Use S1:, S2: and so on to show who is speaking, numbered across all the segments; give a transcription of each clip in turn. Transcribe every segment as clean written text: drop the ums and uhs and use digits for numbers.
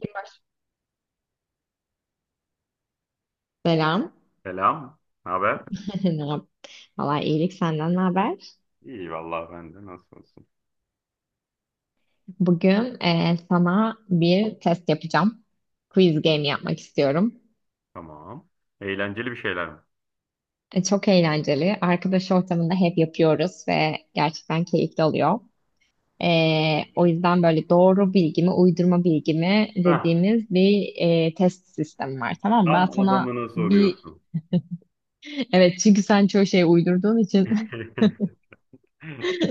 S1: Kim var? Selam.
S2: Selam. Ne haber?
S1: Ne yap? Valla iyilik, senden ne haber?
S2: İyi vallahi ben de nasıl olsun?
S1: Bugün sana bir test yapacağım. Quiz game yapmak istiyorum.
S2: Tamam. Eğlenceli bir şeyler mi?
S1: Çok eğlenceli. Arkadaş ortamında hep yapıyoruz ve gerçekten keyifli oluyor. E, O yüzden böyle doğru bilgi mi, uydurma bilgi mi
S2: Hah,
S1: dediğimiz bir test sistemi var. Tamam mı? Ben
S2: tam
S1: sana
S2: adamına
S1: bir...
S2: soruyorsun.
S1: Evet, çünkü sen çoğu şeyi uydurduğun için.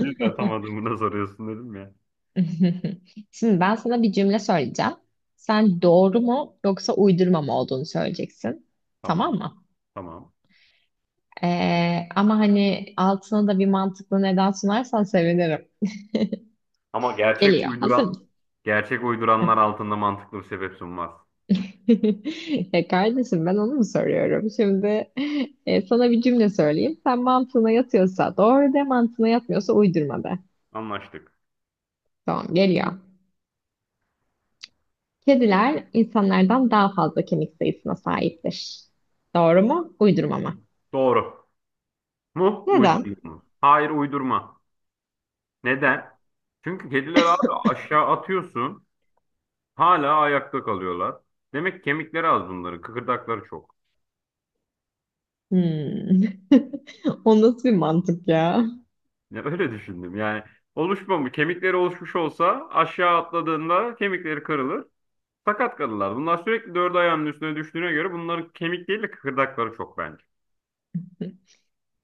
S2: O yüzden tam adamına soruyorsun dedim ya.
S1: Şimdi ben sana bir cümle söyleyeceğim. Sen doğru mu yoksa uydurma mı olduğunu söyleyeceksin.
S2: Tamam,
S1: Tamam mı?
S2: tamam.
S1: Ama hani altına da bir mantıklı neden sunarsan sevinirim.
S2: Ama
S1: Geliyor. Hazır mısın?
S2: gerçek
S1: Hı.
S2: uyduranlar altında mantıklı bir sebep sunmaz.
S1: E kardeşim, ben onu mu soruyorum? Şimdi sana bir cümle söyleyeyim. Sen, mantığına yatıyorsa doğru de, mantığına yatmıyorsa uydurma de.
S2: Anlaştık.
S1: Tamam, geliyor. Kediler insanlardan daha fazla kemik sayısına sahiptir. Doğru mu? Uydurma mı?
S2: Doğru mu?
S1: Neden?
S2: Uydurma mı? Hayır, uydurma. Neden? Çünkü kediler abi aşağı atıyorsun, hala ayakta kalıyorlar. Demek ki kemikleri az bunların, kıkırdakları çok.
S1: Hmm. O nasıl bir mantık ya?
S2: Ya öyle düşündüm. Yani oluşmamış, kemikleri oluşmuş olsa aşağı atladığında kemikleri kırılır. Sakat kalırlar. Bunlar sürekli dört ayağının üstüne düştüğüne göre bunların kemik değil de kıkırdakları çok bence.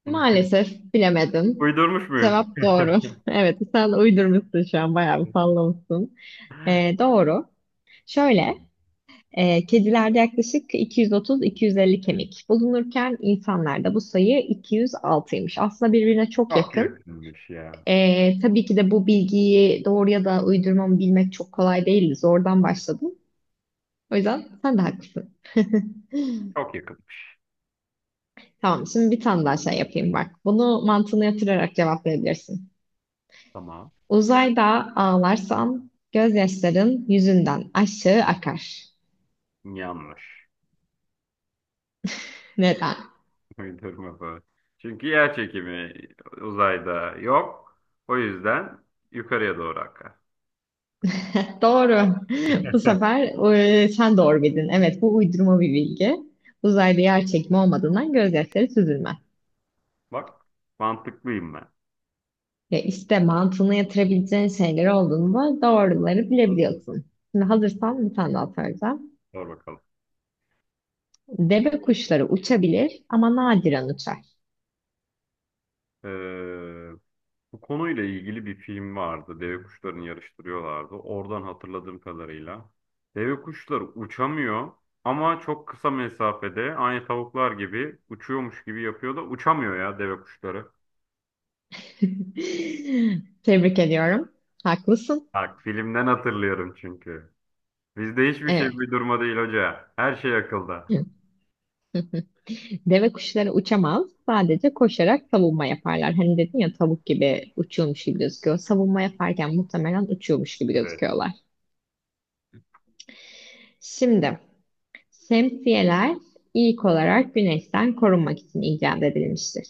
S1: Maalesef bilemedin.
S2: Uydurmuş muyum?
S1: Cevap doğru. Evet, sen uydurmuşsun, şu an bayağı bir sallamışsın. Doğru. Şöyle, kedilerde yaklaşık 230-250 kemik bulunurken insanlarda bu sayı 206'ymış. Aslında birbirine çok
S2: Çok
S1: yakın.
S2: yakınmış ya.
S1: Tabii ki de bu bilgiyi doğru ya da uydurma mı bilmek çok kolay değildi. Zordan başladım. O yüzden sen de haklısın.
S2: Çok yakınmış.
S1: Tamam, şimdi bir tane daha şey yapayım bak. Bunu mantığını yatırarak cevaplayabilirsin.
S2: Tamam.
S1: Uzayda ağlarsan gözyaşların yüzünden aşağı akar.
S2: Yanlış.
S1: Neden?
S2: Uydurma bu. Çünkü yer çekimi uzayda yok. O yüzden yukarıya doğru akar.
S1: Doğru. Bu sefer sen doğru bildin. Evet, bu uydurma bir bilgi. Uzayda yer çekimi olmadığından gözyaşları süzülmez.
S2: Bak, mantıklıyım ben.
S1: Ya işte mantığını yatırabileceğin şeyler olduğunda doğruları
S2: Bak,
S1: bilebiliyorsun. Şimdi hazırsan bir tane daha soracağım.
S2: sor bakalım.
S1: Deve kuşları uçabilir ama nadiren uçar.
S2: Ee, Bu konuyla ilgili bir film vardı. Deve kuşlarını yarıştırıyorlardı. Oradan hatırladığım kadarıyla. Deve kuşları uçamıyor ama çok kısa mesafede aynı tavuklar gibi uçuyormuş gibi yapıyor da uçamıyor ya deve kuşları.
S1: Tebrik ediyorum. Haklısın.
S2: Bak filmden hatırlıyorum çünkü. Bizde hiçbir şey
S1: Evet.
S2: uydurma değil hoca. Her şey akılda.
S1: Deve kuşları uçamaz. Sadece koşarak savunma yaparlar. Hani dedin ya, tavuk gibi uçuyormuş gibi gözüküyor. Savunma yaparken muhtemelen uçuyormuş gibi
S2: Evet.
S1: gözüküyorlar. Şimdi şemsiyeler ilk olarak güneşten korunmak için icat edilmiştir.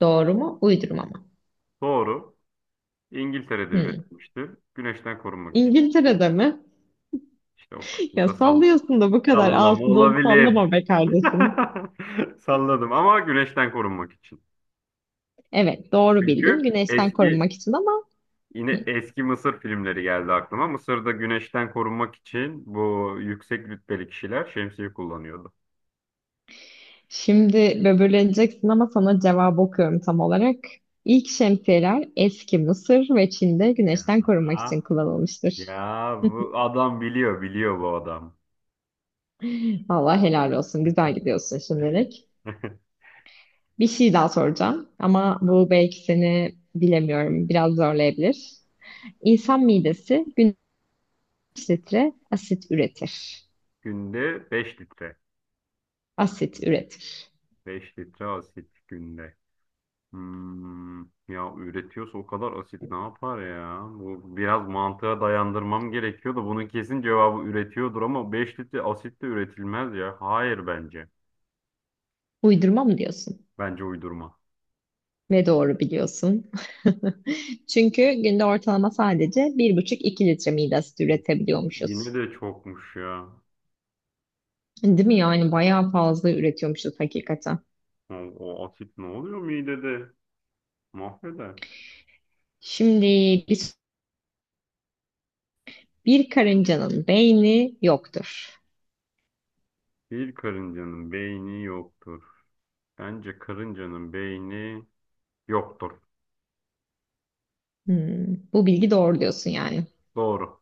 S1: Doğru mu? Uydurma mı?
S2: Doğru. İngiltere'de
S1: Hmm.
S2: üretilmişti. Güneşten korunmak için.
S1: İngiltere'de mi?
S2: İşte o kısmı
S1: Ya
S2: da
S1: sallıyorsun da bu kadar
S2: sallama
S1: altı dolu
S2: olabilir.
S1: sallama be kardeşim.
S2: Salladım ama güneşten korunmak için.
S1: Evet, doğru bildin.
S2: Çünkü
S1: Güneşten
S2: eski
S1: korunmak için. Ama
S2: yine
S1: hmm.
S2: eski Mısır filmleri geldi aklıma. Mısır'da güneşten korunmak için bu yüksek rütbeli kişiler şemsiye kullanıyordu.
S1: Şimdi böbürleneceksin ama sana cevabı okuyorum tam olarak. İlk şemsiyeler eski Mısır ve Çin'de güneşten
S2: Ya,
S1: korunmak için kullanılmıştır.
S2: ya bu adam biliyor, biliyor bu adam.
S1: Vallahi helal olsun. Güzel gidiyorsun şimdilik. Bir şey daha soracağım ama bu belki seni, bilemiyorum, biraz zorlayabilir. İnsan midesi günde kaç litre asit üretir?
S2: Günde 5 litre.
S1: Asit üretir.
S2: 5 litre asit günde. Hmm, ya üretiyorsa o kadar asit ne yapar ya? Bu biraz mantığa dayandırmam gerekiyor da bunun kesin cevabı üretiyordur ama 5 litre asit de üretilmez ya. Hayır bence.
S1: Uydurma mı diyorsun?
S2: Bence uydurma.
S1: Ne doğru biliyorsun. Çünkü günde ortalama sadece bir buçuk iki litre mide asidi
S2: Yine
S1: üretebiliyormuşuz.
S2: de çokmuş ya.
S1: Değil mi? Yani bayağı fazla üretiyormuşuz hakikaten.
S2: O asit ne oluyor midede? Mahveder.
S1: Şimdi bir, bir karıncanın beyni yoktur.
S2: Bir karıncanın beyni yoktur. Bence karıncanın beyni yoktur.
S1: Hmm, bu bilgi doğru diyorsun yani.
S2: Doğru.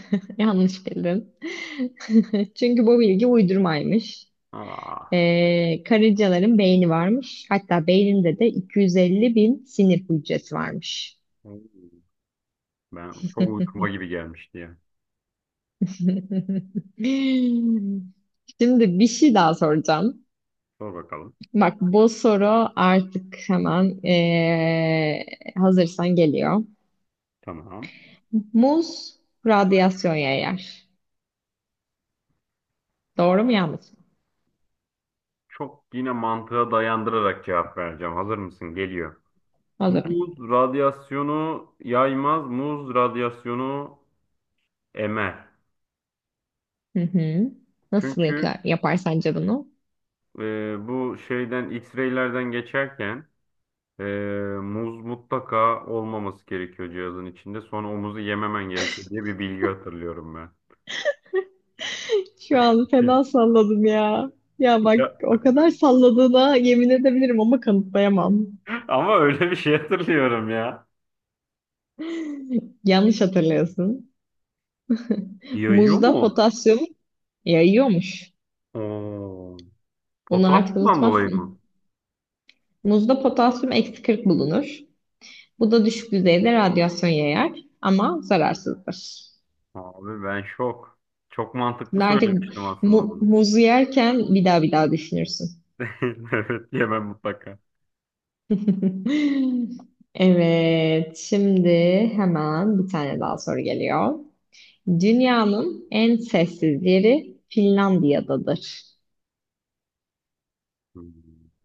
S1: Yanlış bildin. Çünkü bu bilgi uydurmaymış.
S2: Aa,
S1: Karıncaların beyni varmış. Hatta beyninde de 250 bin sinir hücresi varmış.
S2: ben çok uydurma gibi gelmişti ya.
S1: Şimdi bir şey daha soracağım.
S2: Sor bakalım.
S1: Bak bu soru artık hemen hazırsan geliyor.
S2: Tamam.
S1: Muz radyasyon yayar. Doğru mu, yanlış mı?
S2: Çok yine mantığa dayandırarak cevap vereceğim. Hazır mısın? Geliyor.
S1: Hazırım.
S2: Muz radyasyonu yaymaz, muz radyasyonu emer.
S1: Hı hı. Nasıl
S2: Çünkü
S1: yapar, yapar sence bunu?
S2: Bu şeyden X-ray'lerden geçerken ee, muz mutlaka olmaması gerekiyor cihazın içinde. Sonra o muzu yememen gerekiyor diye bir bilgi hatırlıyorum ben.
S1: Şu an fena salladım ya. Ya bak, o
S2: Ya,
S1: kadar salladığına yemin edebilirim ama kanıtlayamam.
S2: ama öyle bir şey hatırlıyorum ya.
S1: Yanlış hatırlıyorsun.
S2: Yayıyor
S1: Muzda
S2: mu?
S1: potasyum yayıyormuş.
S2: Oo,
S1: Bunu artık
S2: potasyumdan dolayı
S1: unutmazsın.
S2: mı?
S1: Muzda potasyum eksi 40 bulunur. Bu da düşük düzeyde radyasyon yayar ama zararsızdır.
S2: Abi ben şok. Çok mantıklı
S1: Şimdi artık
S2: söylemiştim aslında bunu.
S1: muzu yerken bir daha bir daha düşünürsün.
S2: Evet yemem mutlaka.
S1: Evet, şimdi hemen bir tane daha soru geliyor. Dünyanın en sessiz yeri Finlandiya'dadır.
S2: Hmm.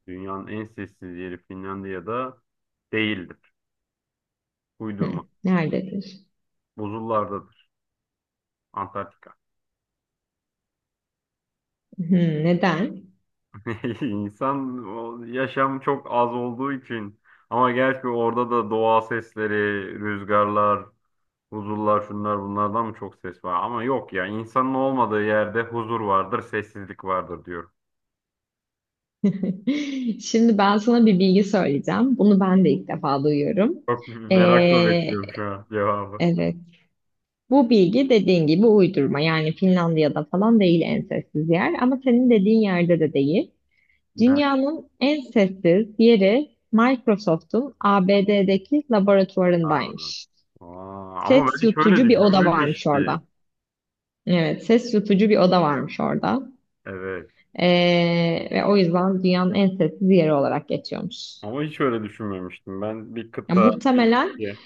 S2: Dünyanın en sessiz yeri Finlandiya'da değildir. Uydurma.
S1: Hı, nerededir?
S2: Buzullardadır. Antarktika.
S1: Hı, neden?
S2: İnsan o yaşam çok az olduğu için ama gerçi orada da doğa sesleri, rüzgarlar, huzurlar şunlar bunlardan mı çok ses var? Ama yok ya insanın olmadığı yerde huzur vardır, sessizlik vardır diyorum.
S1: Şimdi ben sana bir bilgi söyleyeceğim. Bunu ben de ilk defa duyuyorum.
S2: Çok merakla
S1: Ee,
S2: bekliyorum şu an cevabı.
S1: Evet. Bu bilgi, dediğin gibi, uydurma. Yani Finlandiya'da falan değil en sessiz yer. Ama senin dediğin yerde de değil.
S2: Ne?
S1: Dünyanın en sessiz yeri Microsoft'un ABD'deki
S2: Aa,
S1: laboratuvarındaymış.
S2: aa, ama
S1: Ses
S2: ben hiç öyle
S1: yutucu bir oda varmış
S2: düşünmemiştim.
S1: orada. Evet, ses yutucu bir oda varmış orada.
S2: Evet.
S1: Ve o yüzden dünyanın en sessiz yeri olarak geçiyormuş.
S2: Ama hiç öyle düşünmemiştim. Ben bir
S1: Ya
S2: kıta, bir
S1: muhtemelen
S2: ülke.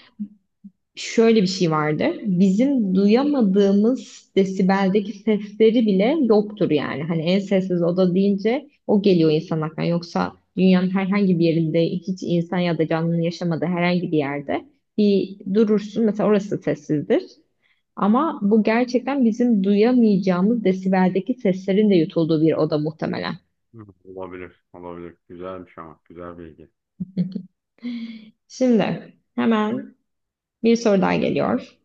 S1: şöyle bir şey vardır. Bizim duyamadığımız desibeldeki sesleri bile yoktur yani. Hani en sessiz oda deyince o geliyor insan aklına. Yoksa dünyanın herhangi bir yerinde, hiç insan ya da canlının yaşamadığı herhangi bir yerde bir durursun. Mesela orası sessizdir. Ama bu gerçekten bizim duyamayacağımız desibeldeki seslerin de yutulduğu bir oda muhtemelen.
S2: Hı, olabilir, olabilir. Güzelmiş ama, güzel bilgi.
S1: Şimdi hemen bir soru daha geliyor.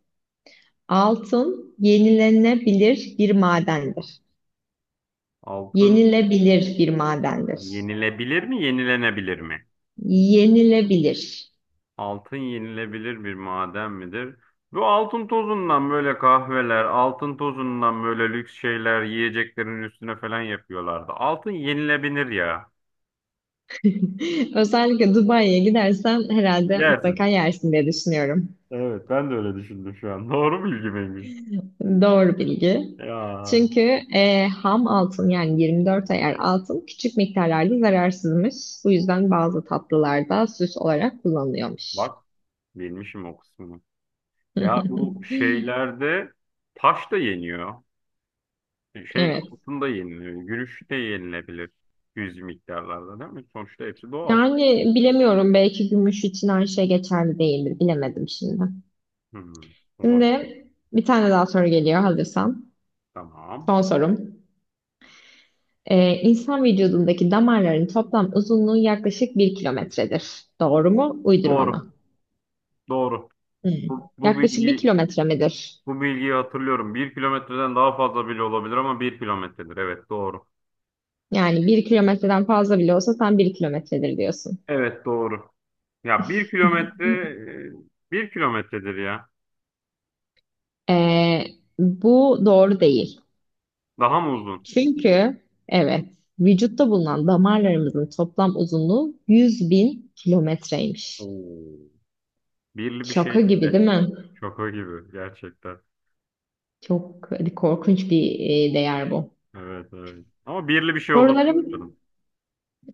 S1: Altın yenilenebilir bir madendir.
S2: Altın.
S1: Yenilebilir bir madendir.
S2: Yenilebilir mi, yenilenebilir mi?
S1: Yenilebilir.
S2: Altın yenilebilir bir maden midir? Bu altın tozundan böyle kahveler, altın tozundan böyle lüks şeyler yiyeceklerin üstüne falan yapıyorlardı. Altın yenilebilir ya.
S1: Özellikle Dubai'ye gidersen herhalde
S2: Yersin.
S1: mutlaka yersin diye düşünüyorum.
S2: Evet, ben de öyle düşündüm şu an. Doğru bilgi miymiş?
S1: Doğru bilgi.
S2: Ya
S1: Çünkü ham altın, yani 24 ayar altın, küçük miktarlarda zararsızmış. Bu yüzden bazı tatlılarda süs olarak kullanılıyormuş.
S2: bak, bilmişim o kısmını. Ya bu şeylerde taş da yeniyor. Şey
S1: Evet.
S2: altın da yeniliyor. Gümüş de yenilebilir. Yüz miktarlarda değil mi? Sonuçta hepsi doğal.
S1: Yani bilemiyorum, belki gümüş için her şey geçerli değildir. Bilemedim şimdi.
S2: Hmm, olabilir.
S1: Şimdi bir tane daha soru geliyor hazırsan.
S2: Tamam.
S1: Son sorum. İnsan vücudundaki damarların toplam uzunluğu yaklaşık bir kilometredir. Doğru mu? Uydurma
S2: Doğru.
S1: mı?
S2: Doğru.
S1: Hmm.
S2: Bu, bu
S1: Yaklaşık bir
S2: bilgi
S1: kilometre midir?
S2: bu bilgiyi hatırlıyorum. 1 kilometreden daha fazla bile olabilir ama 1 kilometredir. Evet doğru.
S1: Yani bir kilometreden fazla bile olsa sen bir kilometredir diyorsun.
S2: Evet doğru. Ya 1 kilometredir ya.
S1: Ee, bu doğru değil.
S2: Daha mı uzun?
S1: Çünkü evet, vücutta bulunan damarlarımızın toplam uzunluğu 100 bin kilometreymiş.
S2: Oo. Birli bir
S1: Şaka
S2: şeydi
S1: gibi
S2: de.
S1: değil mi?
S2: Şaka gibi gerçekten.
S1: Çok korkunç bir değer bu.
S2: Evet evet. Ama birli bir şey olduğunu
S1: Sorularım.
S2: anladım.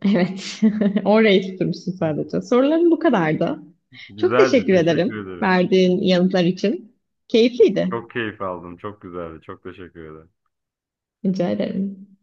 S1: Evet. Orayı tutturmuşsun sadece. Sorularım bu kadardı. Çok
S2: Güzeldi.
S1: teşekkür
S2: Teşekkür
S1: ederim
S2: ederim.
S1: verdiğin yanıtlar için. Keyifliydi.
S2: Çok keyif aldım. Çok güzeldi. Çok teşekkür ederim.
S1: Rica ederim.